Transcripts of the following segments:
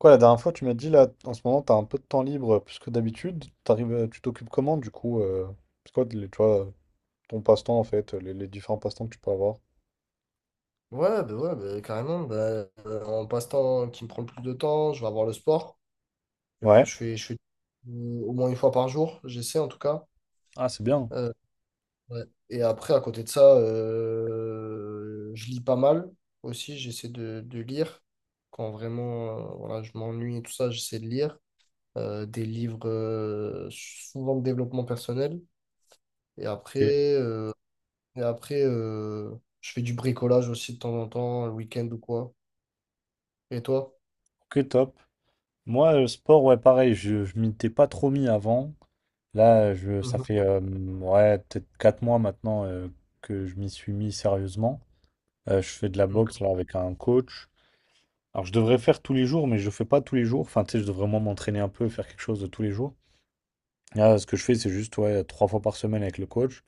Quoi, la dernière fois, tu m'as dit là, en ce moment, t'as un peu de temps libre plus que d'habitude. Tu t'occupes comment du coup c'est quoi, tu vois, ton passe-temps en fait, les différents passe-temps que tu peux avoir? Ouais, bah, carrément. Bah, en passe-temps qui me prend le plus de temps, je vais avoir le sport. Je, peux- Ouais. je fais, je fais au moins une fois par jour, j'essaie en tout cas. Ah, c'est bien. Euh, ouais. Et après, à côté de ça, je lis pas mal aussi. J'essaie de lire. Quand vraiment voilà, je m'ennuie et tout ça, j'essaie de lire des livres souvent de développement personnel. Et Ok, après, euh, et après, je fais du bricolage aussi de temps en temps, le week-end ou quoi. Et toi? ok, top. Moi, le sport, ouais, pareil, je m'y étais pas trop mis avant. Là, ça Mhm. fait ouais, peut-être 4 mois maintenant que je m'y suis mis sérieusement. Je fais de la Ok. boxe là, avec un coach. Alors, je devrais faire tous les jours, mais je fais pas tous les jours. Enfin, tu sais, je devrais vraiment m'entraîner un peu, faire quelque chose de tous les jours. Ah, ce que je fais, c'est juste ouais, 3 fois par semaine avec le coach.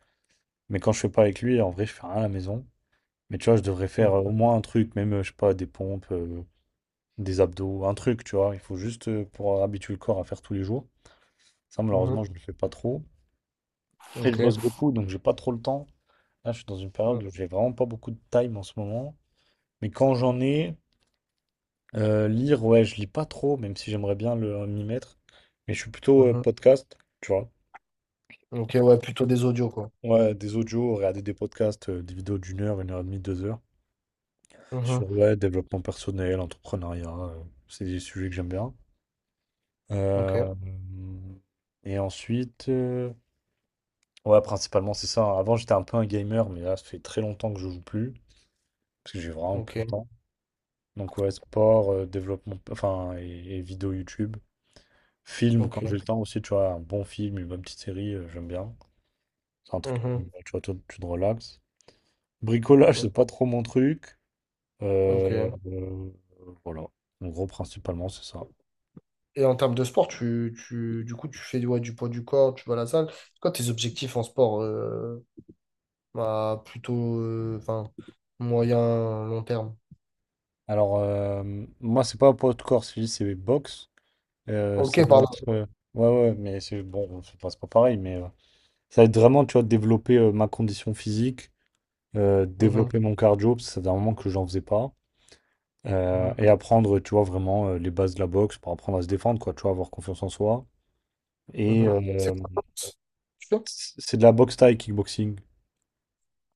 Mais quand je fais pas avec lui, en vrai, je fais rien à la maison. Mais tu vois, je devrais faire Mhm. au moins un truc, même, je sais pas, des pompes, des abdos, un truc, tu vois. Il faut juste pour habituer le corps à faire tous les jours. Ça, Mhm. malheureusement, je ne le fais pas trop. Après, je Ok. bosse beaucoup, donc j'ai pas trop le temps. Là, je suis dans une Mhm. période où j'ai vraiment pas beaucoup de time en ce moment. Mais quand j'en ai, lire, ouais, je lis pas trop, même si j'aimerais bien m'y mettre. Mais je suis plutôt Mhm. podcast, tu vois. Ok, ouais, plutôt des audios, quoi. Ouais, des audios, regarder des podcasts, des vidéos d'une heure, une heure et demie, 2 heures. Mhm. Sur ouais, développement personnel, entrepreneuriat, c'est des sujets que j'aime bien. Euh, Ok, et ensuite, euh, ouais, principalement c'est ça. Avant j'étais un peu un gamer, mais là ça fait très longtemps que je joue plus, parce que j'ai vraiment plus le ok, temps. Donc ouais, sport, développement, enfin, et vidéo YouTube. Film, quand j'ai le ok. temps aussi, tu vois, un bon film, une bonne petite série, j'aime bien. C'est un truc, Mhm. tu vois, toi, tu te relaxes. Bricolage, Ok, c'est pas trop mon truc. ok. Euh, euh, voilà. En gros, principalement, c'est ça. Et en termes de sport, tu du coup, tu fais ouais, du poids du corps, tu vas à la salle. C'est quoi tes objectifs en sport, à plutôt enfin, moyen, long terme? Alors, euh, moi, c'est pas poids de corps, c'est juste c'est box. Ça Ok, va pardon. être. Ouais, ouais, mais c'est bon, c'est pas pareil, mais ça va être vraiment, tu vois, développer ma condition physique, Mhm. développer mon cardio, parce que ça fait un moment que j'en faisais pas. Mhm. Et apprendre, tu vois, vraiment les bases de la boxe pour apprendre à se défendre, quoi, tu vois, avoir confiance en soi. Et Mhm. C'est euh, quoi? Tu fais. C'est de la boxe taille, kickboxing.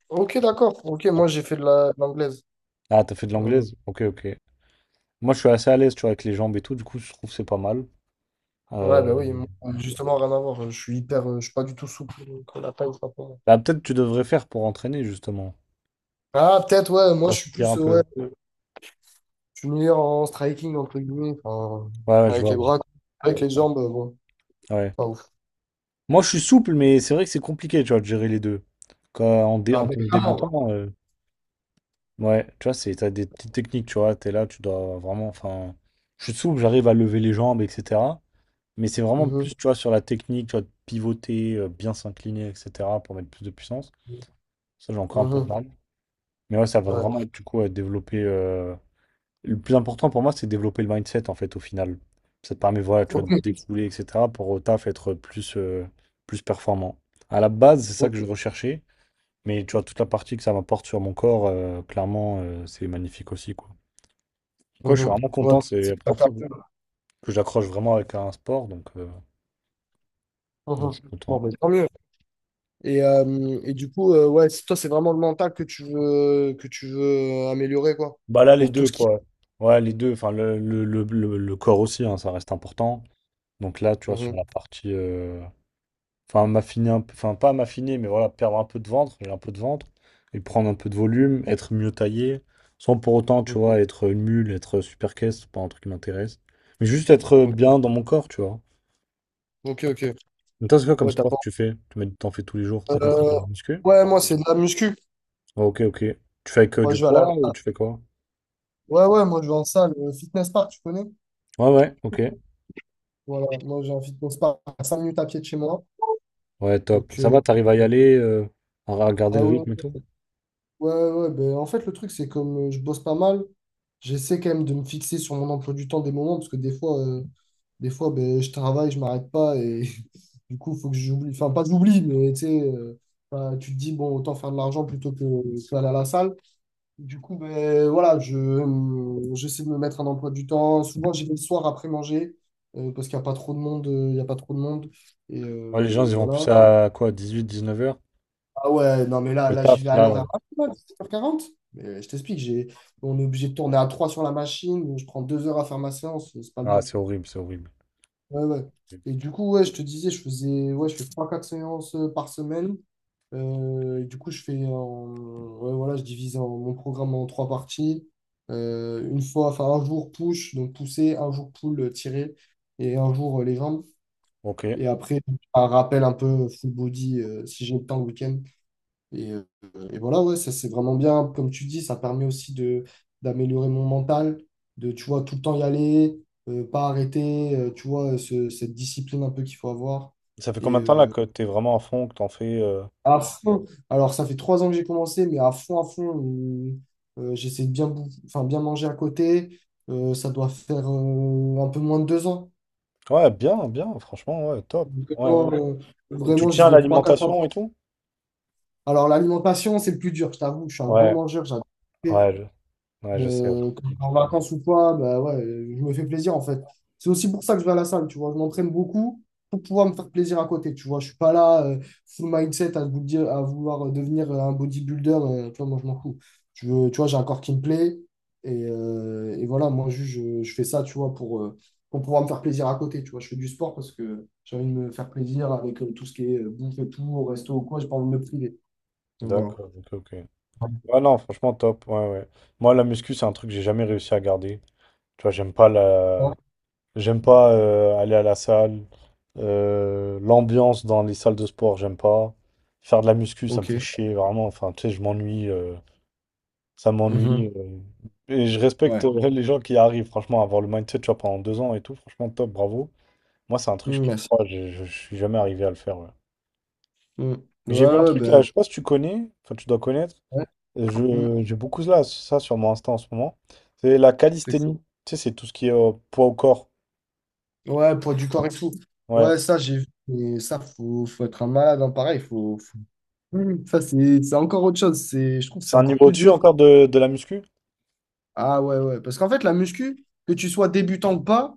Ok, d'accord. Ok, moi j'ai fait de l'anglaise. Ah, t'as fait de l'anglaise? Ok, ok. Moi, je suis assez à l'aise, tu vois, avec les jambes et tout, du coup, je trouve que c'est pas mal. Ouais, Euh, bah oui, moi, justement, rien à voir. Je suis pas du tout souple, donc la taille, c'est pas pour moi. Bah, peut-être tu devrais faire pour entraîner, justement. Ah, peut-être, ouais, moi, Ça je suis soutient plus, un euh, ouais, peu. euh, je suis meilleur en striking, entre guillemets, enfin, Ouais, ouais, je avec vois. les Ouais. bras, quoi. Avec les jambes, bon, Ouais. pas ouf. Moi, je suis souple, mais c'est vrai que c'est compliqué, tu vois, de gérer les deux. Quand, en, dé- Ah, en ben, tant que clairement, ouais. débutant, ouais, tu vois, t'as des petites techniques, tu vois, t'es là, tu dois vraiment, enfin, je suis souple, j'arrive à lever les jambes, etc. Mais c'est vraiment Mhm, plus, tu vois, sur la technique, tu vois, de pivoter, bien s'incliner, etc., pour mettre plus de puissance. Ça, j'ai encore un peu de mhm, mal. Mais ouais, ça va vraiment ouais. être, du coup, à développer le plus important pour moi, c'est de développer le mindset, en fait, au final. Ça te permet, voilà, tu vois, Ok, de découler, etc., pour au taf être plus, plus performant. À la base, c'est ça ok, que je recherchais, mais tu vois, toute la partie que ça m'apporte sur mon corps, clairement, c'est magnifique aussi, quoi. Donc, ouais, je suis mhm, vraiment ouais, content, c'est c'est la pas première fois grave. que j'accroche vraiment avec un sport, donc je Mhm. suis Bon, content. ben, tant mieux. Et du coup, ouais, toi, c'est vraiment le mental que tu veux, améliorer, quoi, Bah là, les pour tout deux, ce qui. quoi. Ouais, les deux, enfin, le corps aussi, hein, ça reste important. Donc là, tu vois, sur Mhm, la partie, enfin, m'affiner un peu, enfin, pas m'affiner, mais voilà, perdre un peu de ventre, j'ai un peu de ventre, et prendre un peu de volume, être mieux taillé, sans pour autant, mhm. tu vois, être une mule, être super caisse, c'est pas un truc qui m'intéresse. Mais juste être bien dans mon corps, tu vois. Ok, ok. Mais toi, c'est quoi comme Ouais, t'as sport pas. que tu fais? Tu m'as dit que t'en fais tous les jours, c'est quoi, c'est pour Euh, le muscu? ouais, moi, c'est de la muscu. Oh, ok, ok. Tu fais avec Moi, du je vais à la... poids ou tu fais quoi? Ouais, ouais, moi, je vais en salle, fitness park, tu connais? Ouais, ouais, ok. Voilà, moi, j'ai un fitness park à 5 minutes à pied de chez moi. Ouais, top. Donc, Ça va, t'arrives à y aller, à garder ah le rythme et ouais, tout? ouais, ouais. Ouais, ben, en fait, le truc, c'est comme je bosse pas mal, j'essaie quand même de me fixer sur mon emploi du temps des moments, parce que des fois ben, je travaille, je m'arrête pas, et du coup, faut que j'oublie. Enfin, pas que j'oublie, mais tu sais, bah, tu te dis, bon, autant faire de l'argent plutôt que aller à la salle. Du coup, ben, voilà, j'essaie de me mettre un emploi du temps. Souvent, j'y vais le soir après manger parce qu'il n'y a pas trop de monde. Il y a pas trop de monde. Et, Ouais, les gens, euh, et ils vont voilà. plus à quoi, 18, 19 heures? Ah ouais, non, mais Et là, le là j'y taf, vais à là, l'horaire. Ah, c'est mal, 7h40. Mais je t'explique, on est obligé de tourner à 3 sur la machine. Donc, je prends 2 heures à faire ma séance. C'est pas le ah, but. c'est horrible, c'est horrible. Ouais, ouais. Et du coup, ouais, je te disais, je fais trois quatre séances par semaine. Et du coup, ouais, voilà, je divise mon programme en trois parties. Une fois, enfin, un jour push, donc pousser, un jour pull, tirer, et un jour les jambes. Ok. Et après, un rappel un peu full body si j'ai le temps le week-end. Et, euh, et voilà, ouais, ça c'est vraiment bien. Comme tu dis, ça permet aussi de d'améliorer mon mental, de, tu vois, tout le temps y aller, pas arrêter, tu vois, cette discipline un peu qu'il faut avoir. Ça fait Et combien de temps là euh, que t'es vraiment à fond, que t'en fais à fond, alors ça fait 3 ans que j'ai commencé, mais à fond, j'essaie de bien manger à côté. Ça doit faire un peu moins de 2 ans. Ouais, bien, bien, franchement, ouais, top. Ouais, ouais. Vraiment, euh, Et tu vraiment, j'y tiens à vais trois, quatre fois. l'alimentation et tout? Alors l'alimentation, c'est le plus dur, je t'avoue, je suis un gros Ouais, mangeur, j'adore. ouais, ouais, je sais. Ouais. Quand je vais en vacances ou quoi, bah ouais, je me fais plaisir en fait. C'est aussi pour ça que je vais à la salle, tu vois. Je m'entraîne beaucoup pour pouvoir me faire plaisir à côté, tu vois. Je suis pas là, full mindset à, vous dire, à vouloir devenir un bodybuilder, tu vois, moi je m'en fous. Je veux, tu vois, j'ai un corps qui me plaît et voilà, moi je fais ça, tu vois, pour pouvoir me faire plaisir à côté, tu vois. Je fais du sport parce que j'ai envie de me faire plaisir avec tout ce qui est bouffe et tout, au resto ou quoi, j'ai pas envie de me priver. Donc voilà. D'accord, ok, ok. Ouais, non, franchement, top. Ouais, ouais. Moi, la muscu, c'est un truc que j'ai jamais réussi à garder. Tu vois, j'aime pas. J'aime pas aller à la salle. L'ambiance dans les salles de sport, j'aime pas. Faire de la muscu, ça me fait Ok. chier, vraiment. Enfin, tu sais, je m'ennuie. Ça m'ennuie. Mhm. Et je respecte Ouais. Les gens qui arrivent, franchement, à avoir le mindset, tu vois, pendant 2 ans et tout. Franchement, top, bravo. Moi, c'est un truc, je sais Mm, pas ouais, pourquoi, je suis jamais arrivé à le faire. Ouais. Mm. Mais Ouais, j'ai vu un ouais, truc là, bah, je sais pas si tu connais, enfin, tu dois connaître. ouais. Mm. J'ai beaucoup là, ça sur mon Insta en ce moment. C'est la C'est- calisthénie. Tu sais, c'est tout ce qui est poids au corps. ouais, poids du corps et tout. Ouais. Ouais, ça, j'ai vu. Mais ça, faut être un malade, hein, pareil. Faut. Mm. Ça, c'est encore autre chose. C'est, je trouve que c'est C'est un encore niveau plus au-dessus dur. encore de la muscu? Ah ouais, ouais. Parce qu'en fait, la muscu, que tu sois débutant ou pas,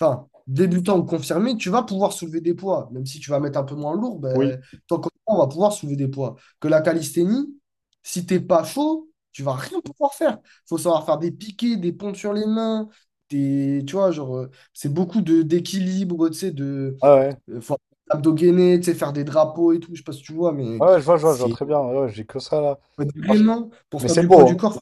enfin, débutant ou confirmé, tu vas pouvoir soulever des poids. Même si tu vas mettre un peu moins lourd, Oui. ben, tant qu'on on va pouvoir soulever des poids. Que la calisthénie, si t'es pas chaud, tu vas rien pouvoir faire. Faut savoir faire des piquets, des pompes sur les mains, des, tu vois, genre, c'est beaucoup de d'équilibre, tu sais, Ah ouais. Faut abdos gainés, tu sais, faire des drapeaux et tout, je sais pas si tu vois, mais Ouais, je vois, je vois, je vois c'est très bien. Ouais, ouais, j'ai que ça là. Franchement, vraiment, pour mais faire c'est du poids du beau, corps,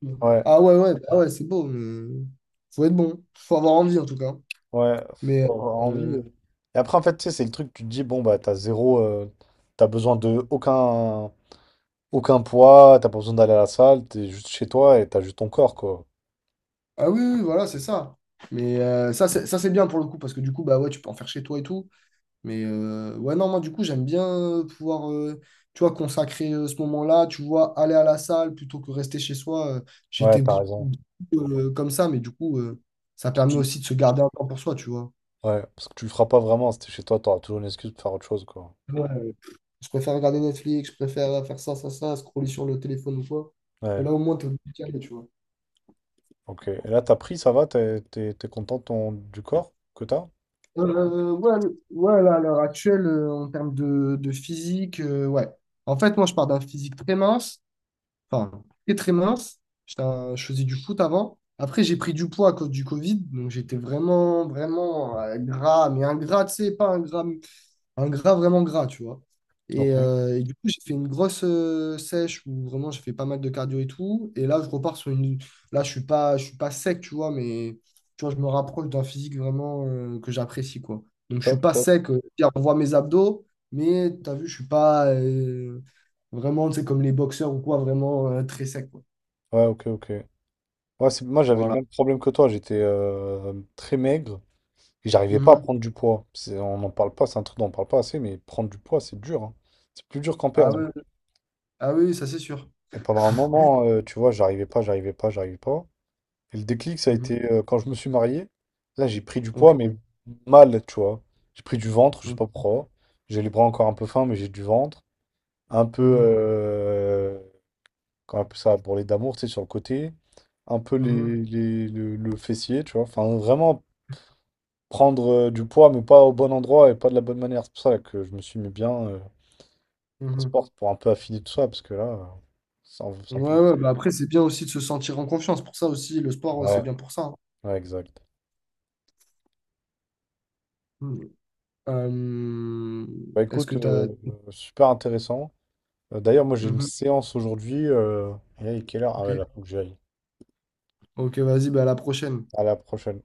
Mm. hein. Ouais. Ah ouais, ouais, bah ouais, c'est beau, mais faut être bon. Faut avoir envie en tout cas. Ouais, Mais faut avoir envie. euh, Et après, en fait, tu sais, c'est le truc, tu te dis, bon, bah, t'as zéro, t'as besoin de aucun poids, t'as pas besoin d'aller à la salle, t'es juste chez toi et t'as juste ton corps, quoi. ah oui, oui, voilà, c'est ça. Mais ça, c'est bien pour le coup, parce que du coup, bah ouais, tu peux en faire chez toi et tout. Mais ouais, non, moi du coup, j'aime bien pouvoir, tu vois, consacrer ce moment-là, tu vois, aller à la salle plutôt que rester chez soi. Ouais, j'étais t'as bou- raison. bou- Comme ça, mais du coup, ça permet Tu- aussi de se garder un temps pour soi, tu vois. Ouais, parce que tu le feras pas vraiment, si t'es chez toi, t'auras toujours une excuse pour faire autre chose, quoi. Ouais, ouais. Je préfère regarder Netflix, je préfère faire ça, ça, ça, scroller sur le téléphone ou quoi. Que Ouais, là, au moins, t'es obligé d'y aller, tu vois. ok. Et là, t'as pris, ça va, t'es content de du corps que t'as? Ouais, ouais, là, à l'heure actuelle, en termes de physique, ouais. En fait, moi, je pars d'un physique très mince, enfin, très très mince. J'étais je faisais du foot avant. Après, j'ai pris du poids à cause du Covid, donc j'étais vraiment, vraiment gras, mais un gras, tu sais, pas un gras vraiment gras, tu vois. Et, Ok, euh, et du coup, j'ai fait une grosse sèche où vraiment j'ai fait pas mal de cardio et tout. Et là, je repars sur une. Là, je suis pas sec, tu vois, mais tu vois, je me rapproche d'un physique vraiment que j'apprécie, quoi. Donc, je suis top, pas top. sec. C'est-à-dire, on voit mes abdos, mais tu as vu, je suis pas vraiment, tu sais, comme les boxeurs ou quoi, vraiment très sec, quoi. Ouais, ok, ok. Ouais, moi, j'avais le Voilà. même problème que toi, j'étais très maigre. Et j'arrivais pas à Mhm. prendre du poids. On n'en parle pas, c'est un truc dont on parle pas assez, mais prendre du poids, c'est dur. Hein. C'est plus dur qu'en Ah perdre. oui, ah oui, ça c'est sûr. Et pendant un moment, tu vois, j'arrivais pas, j'arrivais pas, j'arrivais pas. Et le déclic, ça a Mhm. été quand je me suis marié. Là, j'ai pris du Ok. poids, mais mal, tu vois. J'ai pris du ventre, je sais Mhm. pas pourquoi. J'ai les bras encore un peu fins, mais j'ai du ventre. Un peu, Mhm. Comment on appelle ça, bourrelet d'amour, tu sais, sur le côté. Un peu Mhm. Le fessier, tu vois. Enfin, vraiment prendre du poids, mais pas au bon endroit et pas de la bonne manière. C'est pour ça que je me suis mis bien au Mhm. sport pour un peu affiner tout ça, parce que là, c'est un Ouais, peu... ouais, bah après, c'est bien aussi de se sentir en confiance. Pour ça aussi, le sport, ouais, c'est Ouais, bien pour ça, hein. ouais, exact. Mm. Euh, Bah Est-ce que écoute, tu as... super intéressant. D'ailleurs, moi j'ai une séance aujourd'hui. Et là, il est quelle heure? Ah ouais, Ok, là, faut que j'y aille. ok, vas-y, bah, à la prochaine. À la prochaine.